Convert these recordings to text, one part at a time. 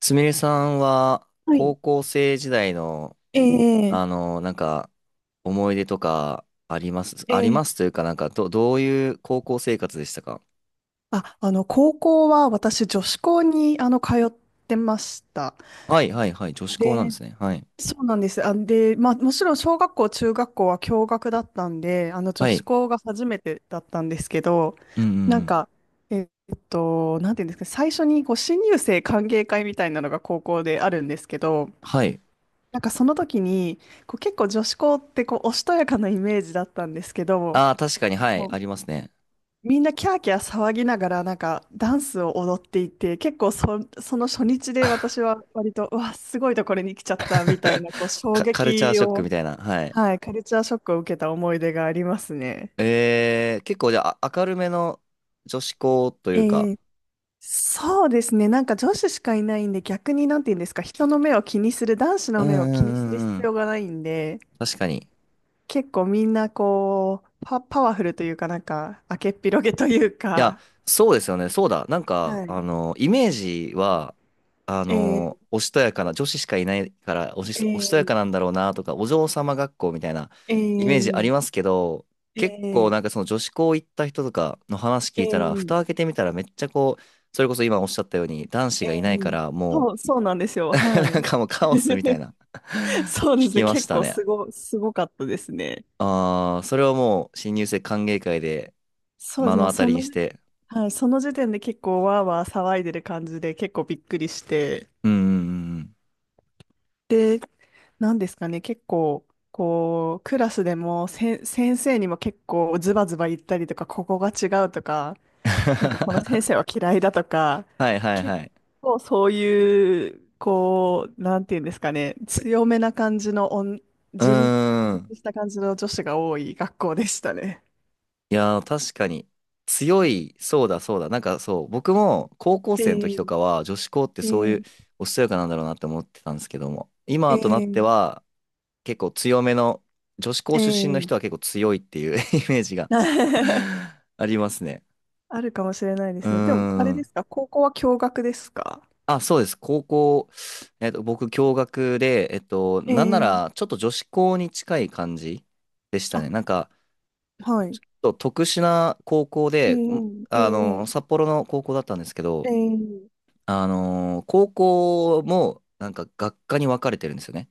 すみれさんはは高い。校生時代の、ええなんか思い出とかありますありえますえというか、なんかどういう高校生活でしたか？高校は私、女子校に、通ってました。はい、はい、はい。女子校なんで、ですね。はい。そうなんです。あ、で、まあ、もちろん、小学校、中学校は共学だったんで、女は子い。校が初めてだったんですけど、うん、うん、なうんん。か、えっなんていうんですか、最初に、こう、新入生歓迎会みたいなのが高校であるんですけど、はい。なんかその時に、こう結構女子校ってこうおしとやかなイメージだったんですけど、ああ、確かに、はい。もあうりますね。みんなキャーキャー騒ぎながらなんかダンスを踊っていて結構そ、その初日で私は割とうわすごいところに来ちゃったみたい なこう衝カルチャー撃ショックを、みたいな。はい。はい、カルチャーショックを受けた思い出がありますね。結構じゃあ、明るめの女子校とえいうか。ーそうですね。なんか女子しかいないんで逆に、なんて言うんですか、人の目を気にする男子うのん、う目を気にするん、うん、う必要ん。がないんで、確かに。結構みんなこうパワフルというか、なんか明けっぴろげといういや、か。そうですよね。そうだ。なんか、はい。イメージは、えーおしとやかな、女子しかいないから、えおしとやかーなんだろうなとか、お嬢様学校みたいなえイメージありーますけど、結構ええなんかその女子校行った人とかの話聞いたら、え蓋開えけてみたらめっちゃこう、それこそ今おっしゃったように、男子えがいないかえら、もそうなんですよ。う は なんい。かもうカオスみたい な そ うで聞すね。きまし結た構ね。すごかったですね。ああ、それはもう、新入生歓迎会でそうで目す。ものう当たそりにのし時、て、はい、その時点で結構わーわー騒いでる感じで結構びっくりして。うん、うん、うん、うん。で、なんですかね。結構、こう、クラスでも先生にも結構ズバズバ言ったりとか、ここが違うとか、なんかこの先生 は嫌いだとか、はい、はい、結はい。構そういう、こう、なんていうんですかね、強めな感じのう自立、ー自ん。立した感じの女子が多い学校でしたね。いやー、確かに。強い、そうだそうだ。なんかそう、僕も高校生の時えとかは女子校ってえそういうええおしとやかなんだろうなって思ってたんですけども、え今となってえは結構強めの、女子校え出身のえ 人は結構強いっていう イメージが ありますね。あるかもしれないでうーすね。でも、あれでん。すか、高校は共学ですか？あ、そうです。高校、僕、共学で、えなんならえちょっと女子校に近い感じでしたあ、ね。なんか、はい。特殊な高校えで、ええ札え幌の高校だったんですけど、ええ高校もなんか学科に分かれてるんですよね。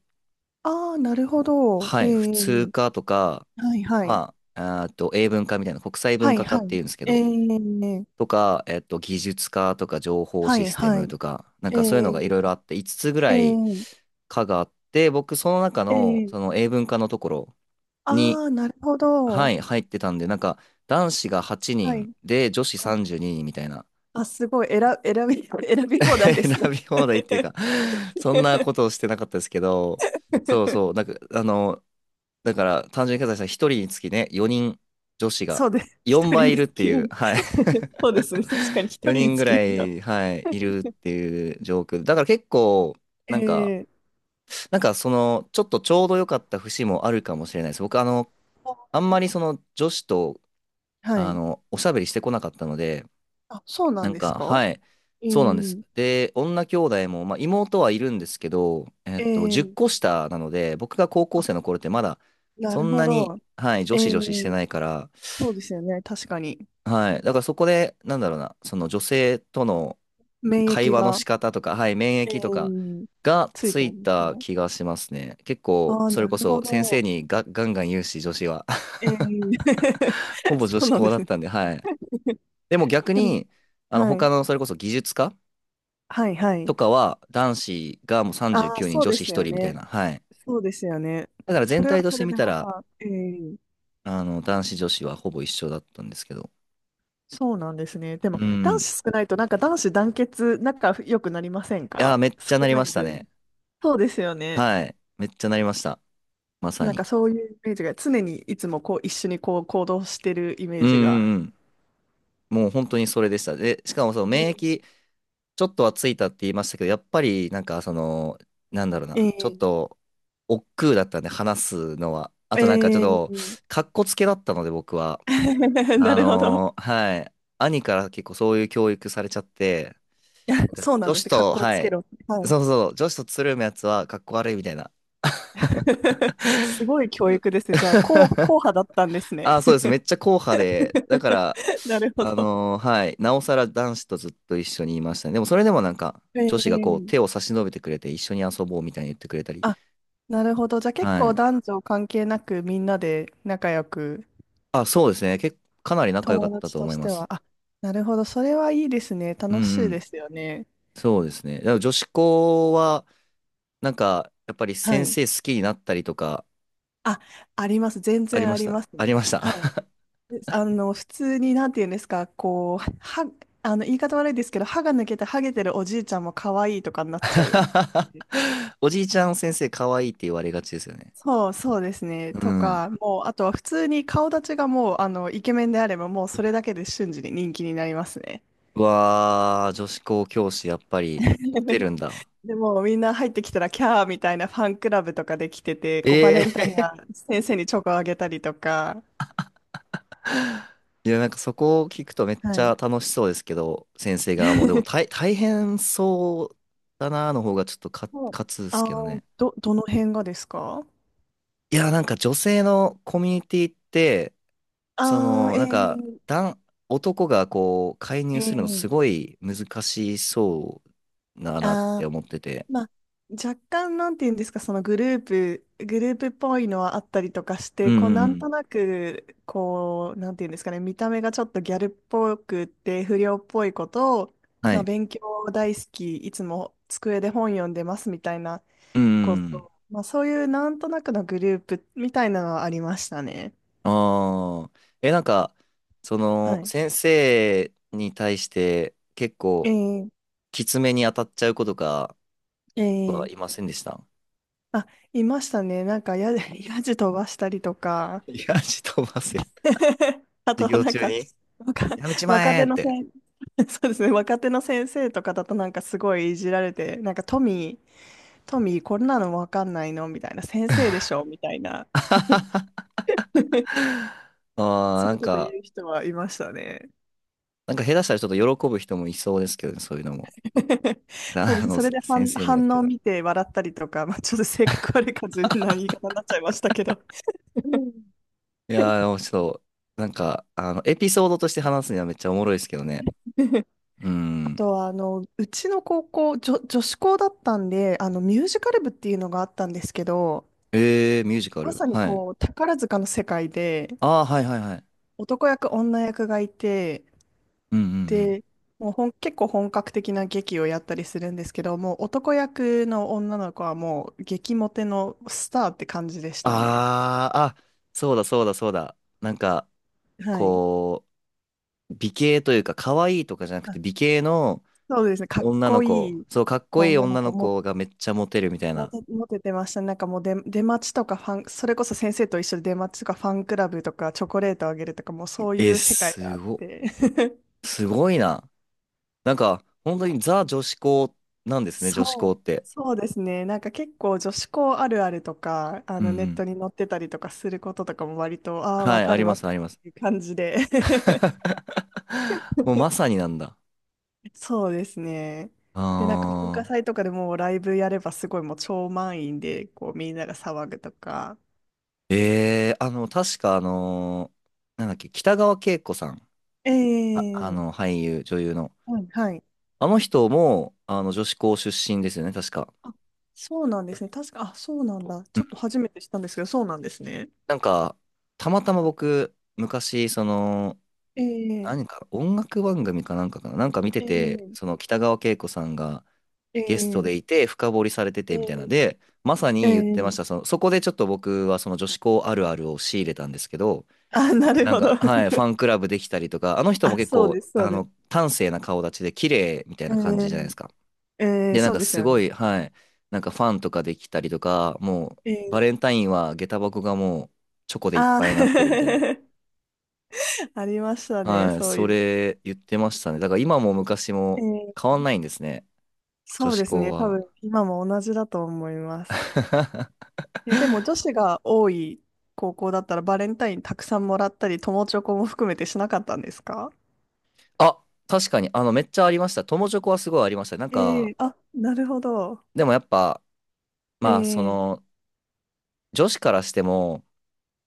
ああー、なるほど。はい、普え通え、科とか、はいはい。まあ、あーと英文科みたいな国際文はい化科はっていい。うんですけえど、え、とか、技術科とか情報はシいステはムい。とか、なんえかそういうのがいえろいろあって、5つぐえらいえ科があって、僕その中のえそえの英文科のところに、ああー、なるほど。はい、入ってたんで、なんか男子が8は人い。で女子あ、32人みたいな。あ、すごい。選び放題で選すね。び放題っていうか、そんなことをしてなかったですけど、そうそう、なん か、だから、単純計算したら1人につきね、4人女子がそうです。一4人倍いにるっつてき合いう、い。はい。そうですね。確かに一人4に人つぐきら合いには。い、はい、いるっていう状況。だから結構、なんか、ええなんかその、ちょっとちょうど良かった節もあるかもしれないです。僕、あ、あんまりその女子と、はい。おしゃべりしてこなかったので、あ、そうななんんですか、か？はい。えそうなんです。えで、女兄弟も、まあ、妹はいるんですけど、え10え個下なので、僕が高校あ、生の頃ってまだ、なそるんほなに、ど。はい、女え子女子してえ、ないから、そうですよね。確かに。はい。だからそこで、なんだろうな、その女性との免会疫話のが、仕方とか、はい、免え疫とかえ、がついつてるいんですたね。気がしますね。結構、ああ、そなれこるほそ先生ど。にガンガン言うし、女子は。ええ、 ほ ぼそ女子うなん校でだすっね。たんで、はい。でも逆でも、に、は他い。の、それこそ技術科はい、はい。とかは男子がもうあ39あ、人、そう女で子す1よ人みたいね。な。はい。そうですよね。だからそ全れ体はとしそてれ見でたまら、た、ええ、男子女子はほぼ一緒だったんですけど。そうなんですね。でも、う男ん。子少ないと、なんか男子団結、仲良くなりませんいやー、か？めっち少ゃなりなまいした分。ね。そうですよね。はい。めっちゃなりました。まさなんに。かそういうイメージが、常にいつもこう、一緒にこう、行動してるイメうーん、ジが。うん、うん。もう本当にそれでした。で、しかもそのう免ん、疫、ちょっとはついたって言いましたけど、やっぱりなんかその、なんだろうな、ちょっええと、億劫だったんで話すのは。あとなんかちょっえと、え かっこつけだったので僕は。なるほど。はい。兄から結構そういう教育されちゃって、いや、そうなん女で子すね。格と、好つはけい。ろ。はい。そうそう、女子とつるむやつはかっこ悪いみたいな。すごい教育ですね。じゃあ、硬硬 派だったんですね。あ、そうです。めっちゃ硬派で、だから、なるほど。はい。なおさら男子とずっと一緒にいましたね。でもそれでもなんか、女子がこうえ手えを差し伸べてくれて一緒に遊ぼうみたいに言ってくれたり。あ、なるほど。じゃあ結は構い。男女関係なくみんなで仲良く、あ、そうですね。かなり仲良かっ友た達とと思いしまては。す。あ、なるほど。それはいいですね。う楽しん、ういでん。すよね。そうですね。でも女子校は、なんか、やっぱりは先い。生好きになったりとか、あ、あります。全あり然まあしりまた。すありね。ましはい。た。で、普通に、なんて言うんですか、こう、言い方悪いですけど、歯が抜けてハゲてるおじいちゃんも可愛いとかになっちゃう。おじいちゃん先生可愛いって言われがちですよね。そうですね。うとん。か、もう、あとは普通に顔立ちがもう、イケメンであれば、もうそれだけで瞬時に人気になりますね。うわー、女子校教師、やっぱり、モテ るんだ。でも、みんな入ってきたら、キャーみたいなファンクラブとかできてて、こう、バレえンタインはえ。 先生にチョコあげたりとか。いや、なんかそこを聞くとめっはちい。ゃ楽しそうですけど、先生側も。でも大変そうだなーの方がちょっとかもう勝つですあけどー、ね。どの辺がですか？いや、なんか女性のコミュニティって、そああー、の、なんか、え男、男がこう、介ー、入えするのー、すごい難しそうだなってあ、思ってて。まあ、若干、なんて言うんですか、そのグループっぽいのはあったりとかしうて、ん、こう、うん、なうんん。となく、こう、なんて言うんですかね、見た目がちょっとギャルっぽくって、不良っぽいことを、はまあ、い。勉強大好き、いつも机で本読んでますみたいなうこん。と、まあ、そういうなんとなくのグループみたいなのはありましたね。ああ。なんか、そはの、い。先生に対して結え構、えきつめに当たっちゃう子とかはえいえませんでした？あ、いましたね。なんかやじ飛ばしたりとか、いや、飛ばせる。あ授と業なん中か、に若、やめちま若え手っのて。先、そうですね、若手の先生とかだとなんかすごいいじられて、なんかトミーこんなのわかんないのみたいな、先生で しょみたいな、ああ、そなういんうことか、言う人はいましたね。下手したらちょっと喜ぶ人もいそうですけどね、そういうのも。そうだであす。の、それで 先生によっ反て応をは。見て笑ったりとか、まあ、ちょっと性格悪い感じな言い方になっちゃいましたけど。うん。いやー、でもちょっと、なんか、エピソードとして話すにはめっちゃおもろいですけどね。うあん。とは、うちの高校、女子校だったんで、ミュージカル部っていうのがあったんですけど、えー、ミュージカまル。さにはい。こう、宝塚の世界で、ああ、はい、はい、はい。男役、女役がいて、うん、うん、うん。で、もう結構本格的な劇をやったりするんですけど、もう男役の女の子はもう激モテのスターって感じでしたね。ああ、あ、そうだそうだそうだ。なんか、はい。こう、美形というか、可愛いとかじゃなくあ、て、美形のそうですね。かっ女のこ子、いいそう、かっこいい女の女子のも、子がめっちゃモテるみたいな。モテてましたね。なんかもう出待ちとかファン、それこそ先生と一緒に出待ちとかファンクラブとかチョコレートあげるとか、もうそうえいー、う世界があって。すごいな。なんか、本当にザ女子校なんですね、女子校そう、って。そうですね。なんか結構女子校あるあるとか、うネッん。トに載ってたりとかすることとかも割と、ああ、はわい、あかりるまわかす、るあっります。ていう感じで。もうまさ になんだ。そうですね。あで、なんか文化祭とかでもうライブやればすごいもう超満員で、こうみんなが騒ぐとか。ー。えー、確かなんだっけ、北川景子さん。あ、ええ、俳優、女優の。はい、はい。あの人も、女子校出身ですよね、確か。あ、そうなんですね。確か、あ、そうなんだ。うちん。ょっと初めて知ったんですけど、そうなんですね。なんか、たまたま僕、昔、その、え何えか、音楽番組かなんかかな、なんか見てて、えそえの北川景子さんが、ゲストえでいえて深掘りされててえみたいなので、まさえに言ってまえしえた。その、そこでちょっと僕はその女子校あるあるを仕入れたんですけど、あ、なるなんほか、ど。はい、ファン クラブできたりとか、あの人もあ、結そう構、です、そうです。端正な顔立ちで綺麗みたいえな感じじゃないでー、すか。で、なんそうかですすよごね。い、はい、なんかファンとかできたりとか、もえう、バー、レンタインは下駄箱がもうチョコでいっあぱいになってるみたいな。ー ありましたね、はい、そうそいう。れ言ってましたね。だから今も昔えもー、変わんないんですね。女そう子です校ね、多は。分今も同じだと思います。え、でも女子が多い高校だったらバレンタインたくさんもらったり、友チョコも含めてしなかったんですか？あ、確かに、めっちゃありました。友チョコはすごいありました。なんか、あ、なるほど。でもやっぱ、えまあ、そー、の、女子からしても、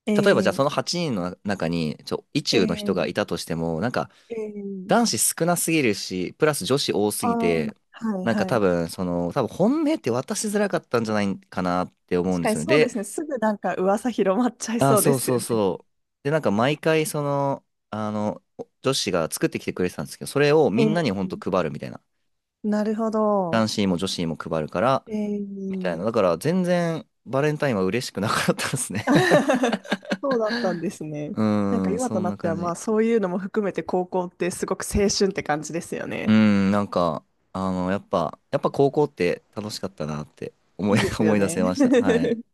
え例えばじゃあー、その8人の中に、意え中の人がー、いたとしても、なんか、えー、男子少なすぎるし、プラス女子多すぎて、はいなんかは多い。分、その、多分本命って渡しづらかったんじゃないかなって思う確んでかすによね。そうでで、すね、すぐなんか噂広まっちゃいあ、そうでそうすそうよね。そう。で、なんか毎回、その、あの、女子が作ってきてくれてたんですけど、それをみんなにほんと配るみたいな。なるほ男ど。子にも女子にも配るから、えみたいな。ー、だから全然バレンタインは嬉しくなかったですね。 そうだったんですね。うなんかーん、今そとんななって感はまあじ。そういうのも含めて高校ってすごく青春って感じですようーね。ん、なんか、やっぱ高校って楽しかったなっていいで すよ思い出ね。せました。はい。